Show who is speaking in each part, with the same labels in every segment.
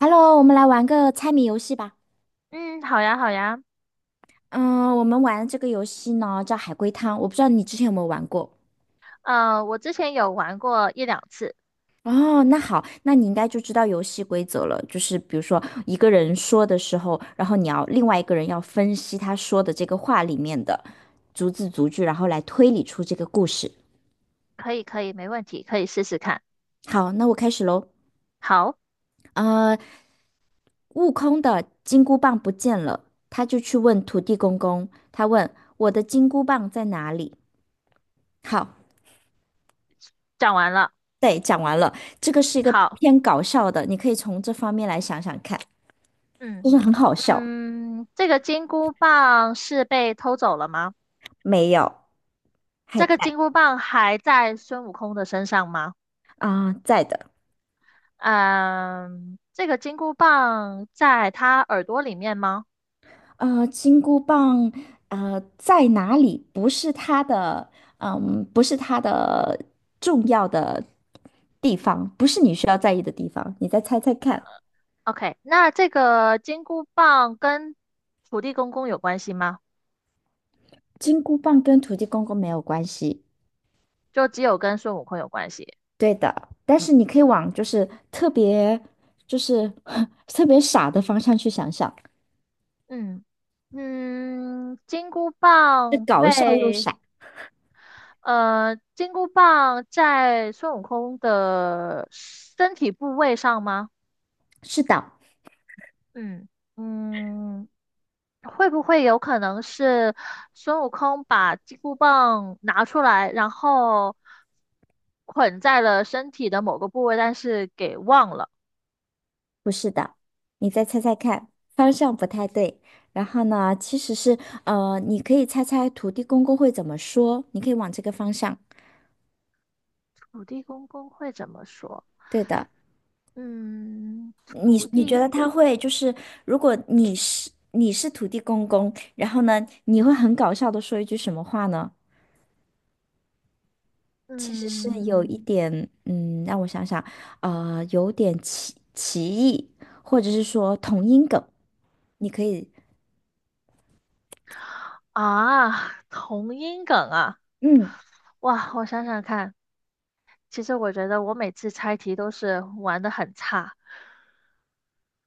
Speaker 1: Hello，我们来玩个猜谜游戏吧。
Speaker 2: 嗯，好呀，好呀。
Speaker 1: 嗯，我们玩这个游戏呢叫海龟汤，我不知道你之前有没有玩过。
Speaker 2: 我之前有玩过一两次。
Speaker 1: 哦，那好，那你应该就知道游戏规则了。就是比如说一个人说的时候，然后你要另外一个人要分析他说的这个话里面的逐字逐句，然后来推理出这个故事。
Speaker 2: 可以，可以，没问题，可以试试看。
Speaker 1: 好，那我开始喽。
Speaker 2: 好，
Speaker 1: 呃，悟空的金箍棒不见了，他就去问土地公公，他问我的金箍棒在哪里？好。
Speaker 2: 讲完了。
Speaker 1: 对，讲完了，这个是一个
Speaker 2: 好，
Speaker 1: 偏搞笑的，你可以从这方面来想想看，
Speaker 2: 嗯
Speaker 1: 就是很好笑。
Speaker 2: 这个金箍棒是被偷走了吗？
Speaker 1: 没有，还
Speaker 2: 这
Speaker 1: 在
Speaker 2: 个金箍棒还在孙悟空的身上吗？
Speaker 1: 啊、在的。
Speaker 2: 嗯，这个金箍棒在他耳朵里面吗
Speaker 1: 金箍棒，呃，在哪里？不是它的，嗯，不是它的重要的地方，不是你需要在意的地方。你再猜猜看，
Speaker 2: ？OK,那这个金箍棒跟土地公公有关系吗？
Speaker 1: 金箍棒跟土地公公没有关系。
Speaker 2: 就只有跟孙悟空有关系。
Speaker 1: 对的，但是你可以往就是特别，就是 特别傻的方向去想想，
Speaker 2: 嗯，嗯，金箍
Speaker 1: 是
Speaker 2: 棒
Speaker 1: 搞笑又
Speaker 2: 被
Speaker 1: 傻。
Speaker 2: 金箍棒在孙悟空的身体部位上吗？
Speaker 1: 是的，
Speaker 2: 嗯，嗯，会不会有可能是孙悟空把金箍棒拿出来，然后捆在了身体的某个部位，但是给忘了？
Speaker 1: 不是的，你再猜猜看，方向不太对。然后呢，其实是你可以猜猜土地公公会怎么说，你可以往这个方向。
Speaker 2: 土地公公会怎么说？
Speaker 1: 对的，
Speaker 2: 嗯，
Speaker 1: 你
Speaker 2: 土
Speaker 1: 你觉
Speaker 2: 地
Speaker 1: 得他
Speaker 2: 公，
Speaker 1: 会就是，如果你是土地公公，然后呢，你会很搞笑的说一句什么话呢？其实是有
Speaker 2: 嗯。
Speaker 1: 一点，嗯，让我想想，呃，有点歧义，或者是说同音梗，你可以。
Speaker 2: 啊，同音梗啊！
Speaker 1: 嗯，
Speaker 2: 哇，我想想看，其实我觉得我每次猜题都是玩的很差。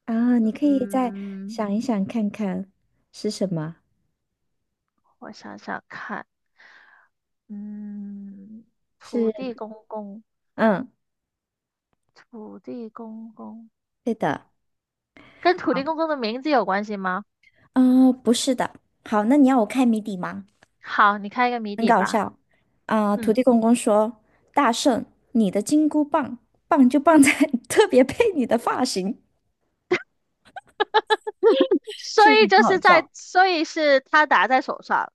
Speaker 1: 啊，你可以再
Speaker 2: 嗯，
Speaker 1: 想一想看看是什么？
Speaker 2: 我想想看。嗯，土地
Speaker 1: 是，
Speaker 2: 公公，
Speaker 1: 嗯，
Speaker 2: 土地公公
Speaker 1: 对的。
Speaker 2: 跟土
Speaker 1: 好，
Speaker 2: 地公公的名字有关系吗？
Speaker 1: 啊，不是的。好，那你要我开谜底吗？
Speaker 2: 好，你开一个谜底吧。
Speaker 1: 啊，土
Speaker 2: 嗯，
Speaker 1: 地公公说：“大圣，你的金箍棒棒就棒在 特别配你的发型。”是不是很好笑？
Speaker 2: 所以是他打在手上。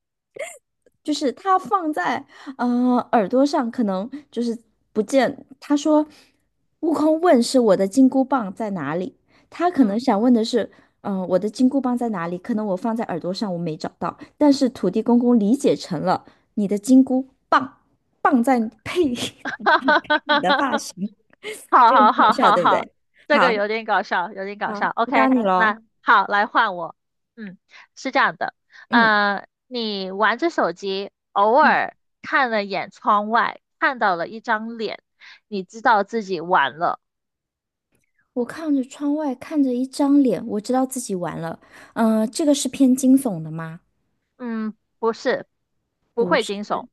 Speaker 1: 就是他放在呃耳朵上，可能就是不见。他说，悟空问是我的金箍棒在哪里？他可能
Speaker 2: 嗯，
Speaker 1: 想问的是，嗯、我的金箍棒在哪里？可能我放在耳朵上，我没找到。但是土地公公理解成了你的金箍棒，棒在配 你的发 型，
Speaker 2: 好
Speaker 1: 这个很
Speaker 2: 好
Speaker 1: 搞
Speaker 2: 好
Speaker 1: 笑，
Speaker 2: 好
Speaker 1: 对不
Speaker 2: 好，
Speaker 1: 对？
Speaker 2: 这个
Speaker 1: 好，
Speaker 2: 有点搞笑，有点搞
Speaker 1: 好，
Speaker 2: 笑。
Speaker 1: 回答
Speaker 2: OK,
Speaker 1: 你喽。
Speaker 2: 那好，来换我。嗯，是这样的。
Speaker 1: 嗯
Speaker 2: 你玩着手机，偶
Speaker 1: 嗯，
Speaker 2: 尔看了眼窗外，看到了一张脸，你知道自己完了。
Speaker 1: 我看着窗外，看着一张脸，我知道自己完了。嗯、这个是偏惊悚的吗？
Speaker 2: 嗯，不是，不
Speaker 1: 不
Speaker 2: 会
Speaker 1: 是
Speaker 2: 惊悚。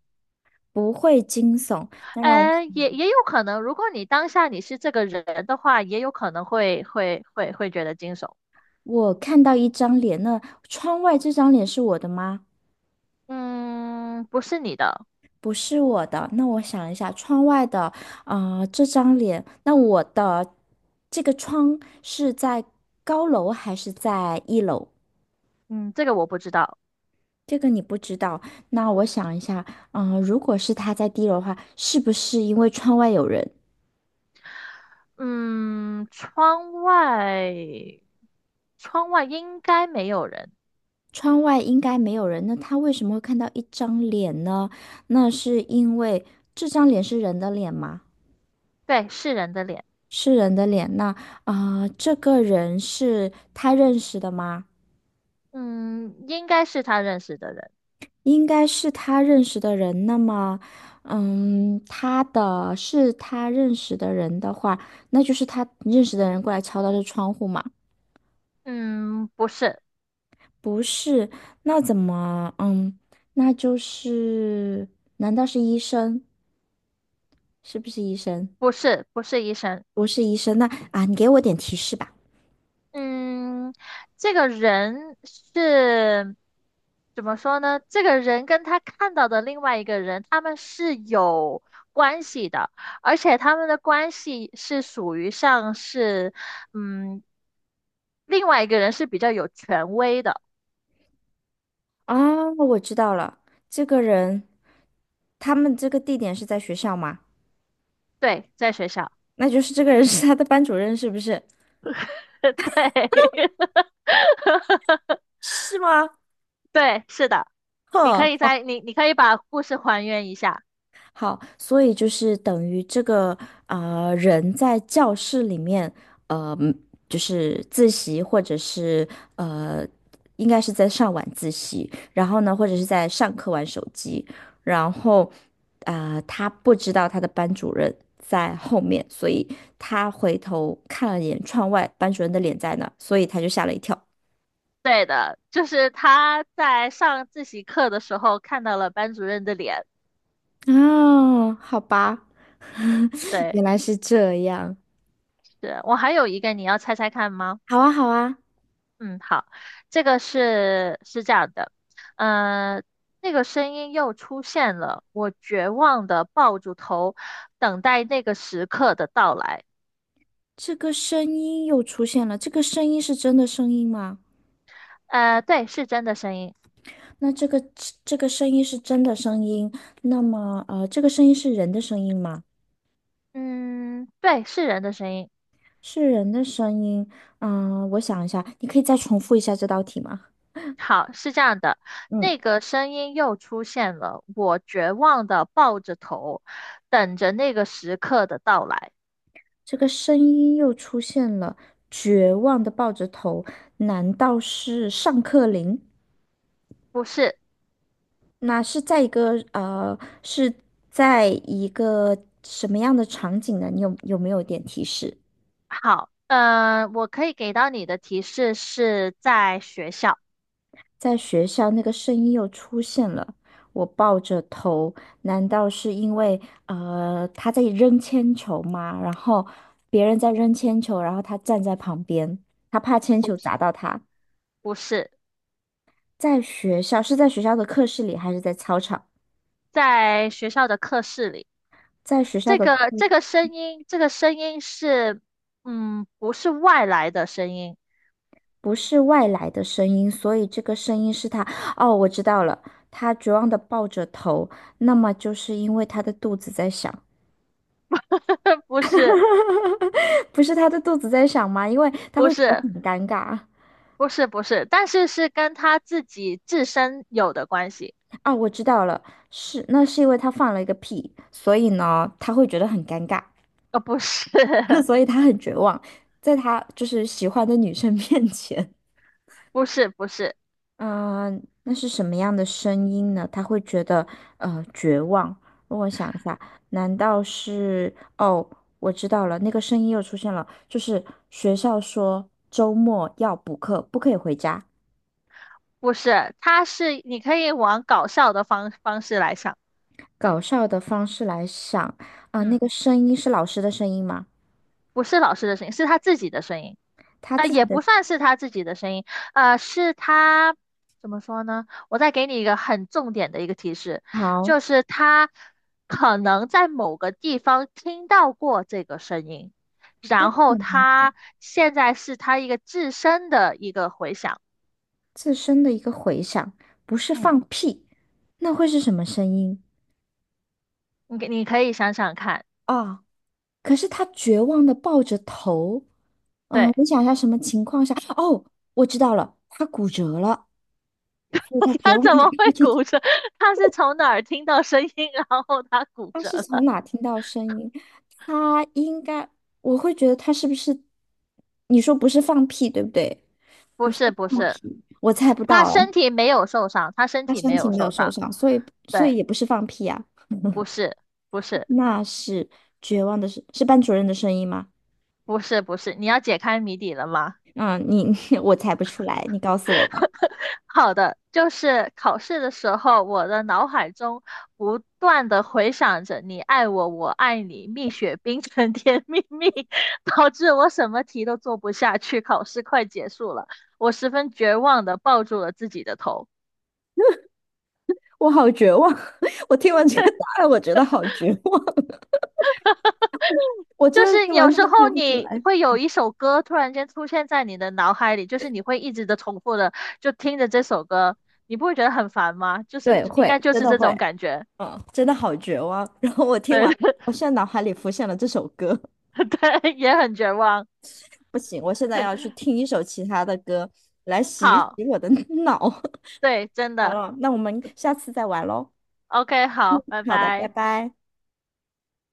Speaker 1: 不会惊悚。那让我
Speaker 2: 也有可能，如果你当下是这个人的话，也有可能会觉得惊悚。
Speaker 1: 我看到一张脸，那窗外这张脸是我的吗？
Speaker 2: 嗯，不是你的。
Speaker 1: 不是我的。那我想一下，窗外的啊、呃这张脸，那我的这个窗是在高楼还是在一楼？
Speaker 2: 嗯，这个我不知道。
Speaker 1: 这个你不知道。那我想一下，嗯、如果是他在低楼的话，是不是因为窗外有人？
Speaker 2: 嗯，窗外应该没有人。
Speaker 1: 窗外应该没有人，那他为什么会看到一张脸呢？那是因为这张脸是人的脸吗？
Speaker 2: 对，是人的脸。
Speaker 1: 是人的脸，那啊、呃这个人是他认识的吗？
Speaker 2: 嗯，应该是他认识的人。
Speaker 1: 应该是他认识的人。那么，嗯，他的是他认识的人的话，那就是他认识的人过来敲他的窗户嘛？
Speaker 2: 嗯，不是，
Speaker 1: 不是，那怎么？嗯，那就是，难道是医生？是不是医生？
Speaker 2: 不是，不是医生。
Speaker 1: 不是医生，那啊，你给我点提示吧。
Speaker 2: 嗯，这个人是怎么说呢？这个人跟他看到的另外一个人，他们是有关系的，而且他们的关系是属于像是，嗯，另外一个人是比较有权威的。
Speaker 1: 啊，我知道了，这个人，他们这个地点是在学校吗？
Speaker 2: 对，在学校。
Speaker 1: 那就是这个人是他的班主任，是不是？
Speaker 2: 对，
Speaker 1: 是吗？
Speaker 2: 对，是的。你可
Speaker 1: 哼，
Speaker 2: 以
Speaker 1: 好，
Speaker 2: 在你你可以把故事还原一下。
Speaker 1: 好，所以就是等于这个呃人在教室里面，呃，嗯就是自习或者是呃，应该是在上晚自习，然后呢，或者是在上课玩手机，然后他不知道他的班主任在后面，所以他回头看了眼窗外，班主任的脸在那儿所以他就吓了一跳。
Speaker 2: 对的，就是他在上自习课的时候看到了班主任的脸。
Speaker 1: 啊，好吧。原
Speaker 2: 对，
Speaker 1: 来是这样。
Speaker 2: 是我还有一个，你要猜猜看吗？
Speaker 1: 好啊，好啊，
Speaker 2: 嗯，好，这个是这样的。呃，那个声音又出现了，我绝望的抱住头，等待那个时刻的到来。
Speaker 1: 这个声音又出现了。这个声音是真的声音吗？
Speaker 2: 对，是真的声音。
Speaker 1: 那这个这个声音是真的声音，那么呃，这个声音是人的声音吗？
Speaker 2: 嗯，对，是人的声音。
Speaker 1: 是人的声音。嗯、我想一下，你可以再重复一下这道题吗？
Speaker 2: 好，是这样的，
Speaker 1: 嗯，
Speaker 2: 那个声音又出现了，我绝望的抱着头，等着那个时刻的到来。
Speaker 1: 这个声音又出现了，绝望的抱着头，难道是上课铃？
Speaker 2: 不是。
Speaker 1: 那是在一个呃，是在一个什么样的场景呢？你有没有一点提示？
Speaker 2: 好，我可以给到你的提示是在学校，
Speaker 1: 在学校那个声音又出现了，我抱着头，难道是因为呃他在扔铅球吗？然后别人在扔铅球，然后他站在旁边，他怕铅球砸到他。
Speaker 2: 不是
Speaker 1: 在学校，是在学校的课室里还是在操场？
Speaker 2: 在学校的课室里。
Speaker 1: 在学校
Speaker 2: 这
Speaker 1: 的
Speaker 2: 个
Speaker 1: 课。
Speaker 2: 这个声音，这个声音是，嗯，不是外来的声音。
Speaker 1: 不是外来的声音，所以这个声音是他。哦，我知道了，他绝望的抱着头，那么就是因为他的肚子在响，
Speaker 2: 不是，
Speaker 1: 不是他的肚子在响吗？因为他
Speaker 2: 不
Speaker 1: 会觉得
Speaker 2: 是。
Speaker 1: 很尴尬。
Speaker 2: 不是，但是是跟他自己自身有的关系。
Speaker 1: 啊，我知道了，是，那是因为他放了一个屁，所以呢，他会觉得很尴尬，
Speaker 2: 呃，不是，
Speaker 1: 所以他很绝望，在他就是喜欢的女生 面前。
Speaker 2: 不是，不是，
Speaker 1: 嗯，那是什么样的声音呢？他会觉得呃绝望。让我想一下，难道是？哦，我知道了，那个声音又出现了，就是学校说周末要补课，不可以回家。
Speaker 2: 不是，他是你可以往搞笑的方式来想。
Speaker 1: 搞笑的方式来想啊、那
Speaker 2: 嗯，
Speaker 1: 个声音是老师的声音吗？
Speaker 2: 不是老师的声音，是他自己的声音。
Speaker 1: 他
Speaker 2: 啊，
Speaker 1: 自
Speaker 2: 也
Speaker 1: 己的
Speaker 2: 不算是他自己的声音。是他怎么说呢？我再给你一个很重点的一个提示，
Speaker 1: 好，
Speaker 2: 就是他可能在某个地方听到过这个声音，
Speaker 1: 他
Speaker 2: 然后
Speaker 1: 可能
Speaker 2: 他现在是他一个自身的一个回响。
Speaker 1: 自身的一个回响，不是
Speaker 2: 嗯，
Speaker 1: 放屁，那会是什么声音？
Speaker 2: 你可以想想看。
Speaker 1: 啊、可是他绝望的抱着头。嗯，
Speaker 2: 对，
Speaker 1: 我想一下什么情况下？哦，我知道了，他骨折了，所以他 绝
Speaker 2: 他
Speaker 1: 望
Speaker 2: 怎
Speaker 1: 地
Speaker 2: 么会
Speaker 1: 看着
Speaker 2: 骨
Speaker 1: 你
Speaker 2: 折？他是从哪儿听到声音，然后他骨
Speaker 1: 他
Speaker 2: 折
Speaker 1: 是从
Speaker 2: 了？
Speaker 1: 哪听到声音？他应该，我会觉得他是不是？你说不是放屁，对不对？
Speaker 2: 不是不
Speaker 1: 放
Speaker 2: 是，
Speaker 1: 屁，我猜不
Speaker 2: 他
Speaker 1: 到了。
Speaker 2: 身体没有受伤，他身
Speaker 1: 他
Speaker 2: 体没
Speaker 1: 身体
Speaker 2: 有
Speaker 1: 没有
Speaker 2: 受
Speaker 1: 受
Speaker 2: 伤。
Speaker 1: 伤，所以所
Speaker 2: 对。
Speaker 1: 以也不是放屁啊，
Speaker 2: 不是，不是，
Speaker 1: 那是绝望的是班主任的声音吗？
Speaker 2: 不是，不是，你要解开谜底了吗？
Speaker 1: 嗯，你 我猜不出来，你告诉我吧。
Speaker 2: 好的，就是考试的时候，我的脑海中不断的回想着“你爱我，我爱你”，蜜雪冰城甜蜜蜜，导致我什么题都做不下去，考试快结束了，我十分绝望的抱住了自己的头。
Speaker 1: 我好绝望，我听完这个答案，我觉得好绝望，我
Speaker 2: 就
Speaker 1: 真的
Speaker 2: 是
Speaker 1: 是完
Speaker 2: 有
Speaker 1: 全
Speaker 2: 时候
Speaker 1: 猜不出
Speaker 2: 你
Speaker 1: 来。
Speaker 2: 会有一首歌突然间出现在你的脑海里，就是你会一直的重复的就听着这首歌，你不会觉得很烦吗？就是
Speaker 1: 对，
Speaker 2: 应该
Speaker 1: 会，
Speaker 2: 就
Speaker 1: 真
Speaker 2: 是
Speaker 1: 的
Speaker 2: 这
Speaker 1: 会，
Speaker 2: 种感觉。
Speaker 1: 嗯，真的好绝望。然后我听
Speaker 2: 对
Speaker 1: 完，我 现在脑海里浮现了这首歌，
Speaker 2: 对，也很绝望。
Speaker 1: 不行，我现在要去听一首其他的歌来洗一
Speaker 2: 好，
Speaker 1: 洗我的 脑。
Speaker 2: 对，真
Speaker 1: 好
Speaker 2: 的
Speaker 1: 了，那我们下次再玩喽。
Speaker 2: ，OK,好，拜
Speaker 1: 好的，拜
Speaker 2: 拜。
Speaker 1: 拜。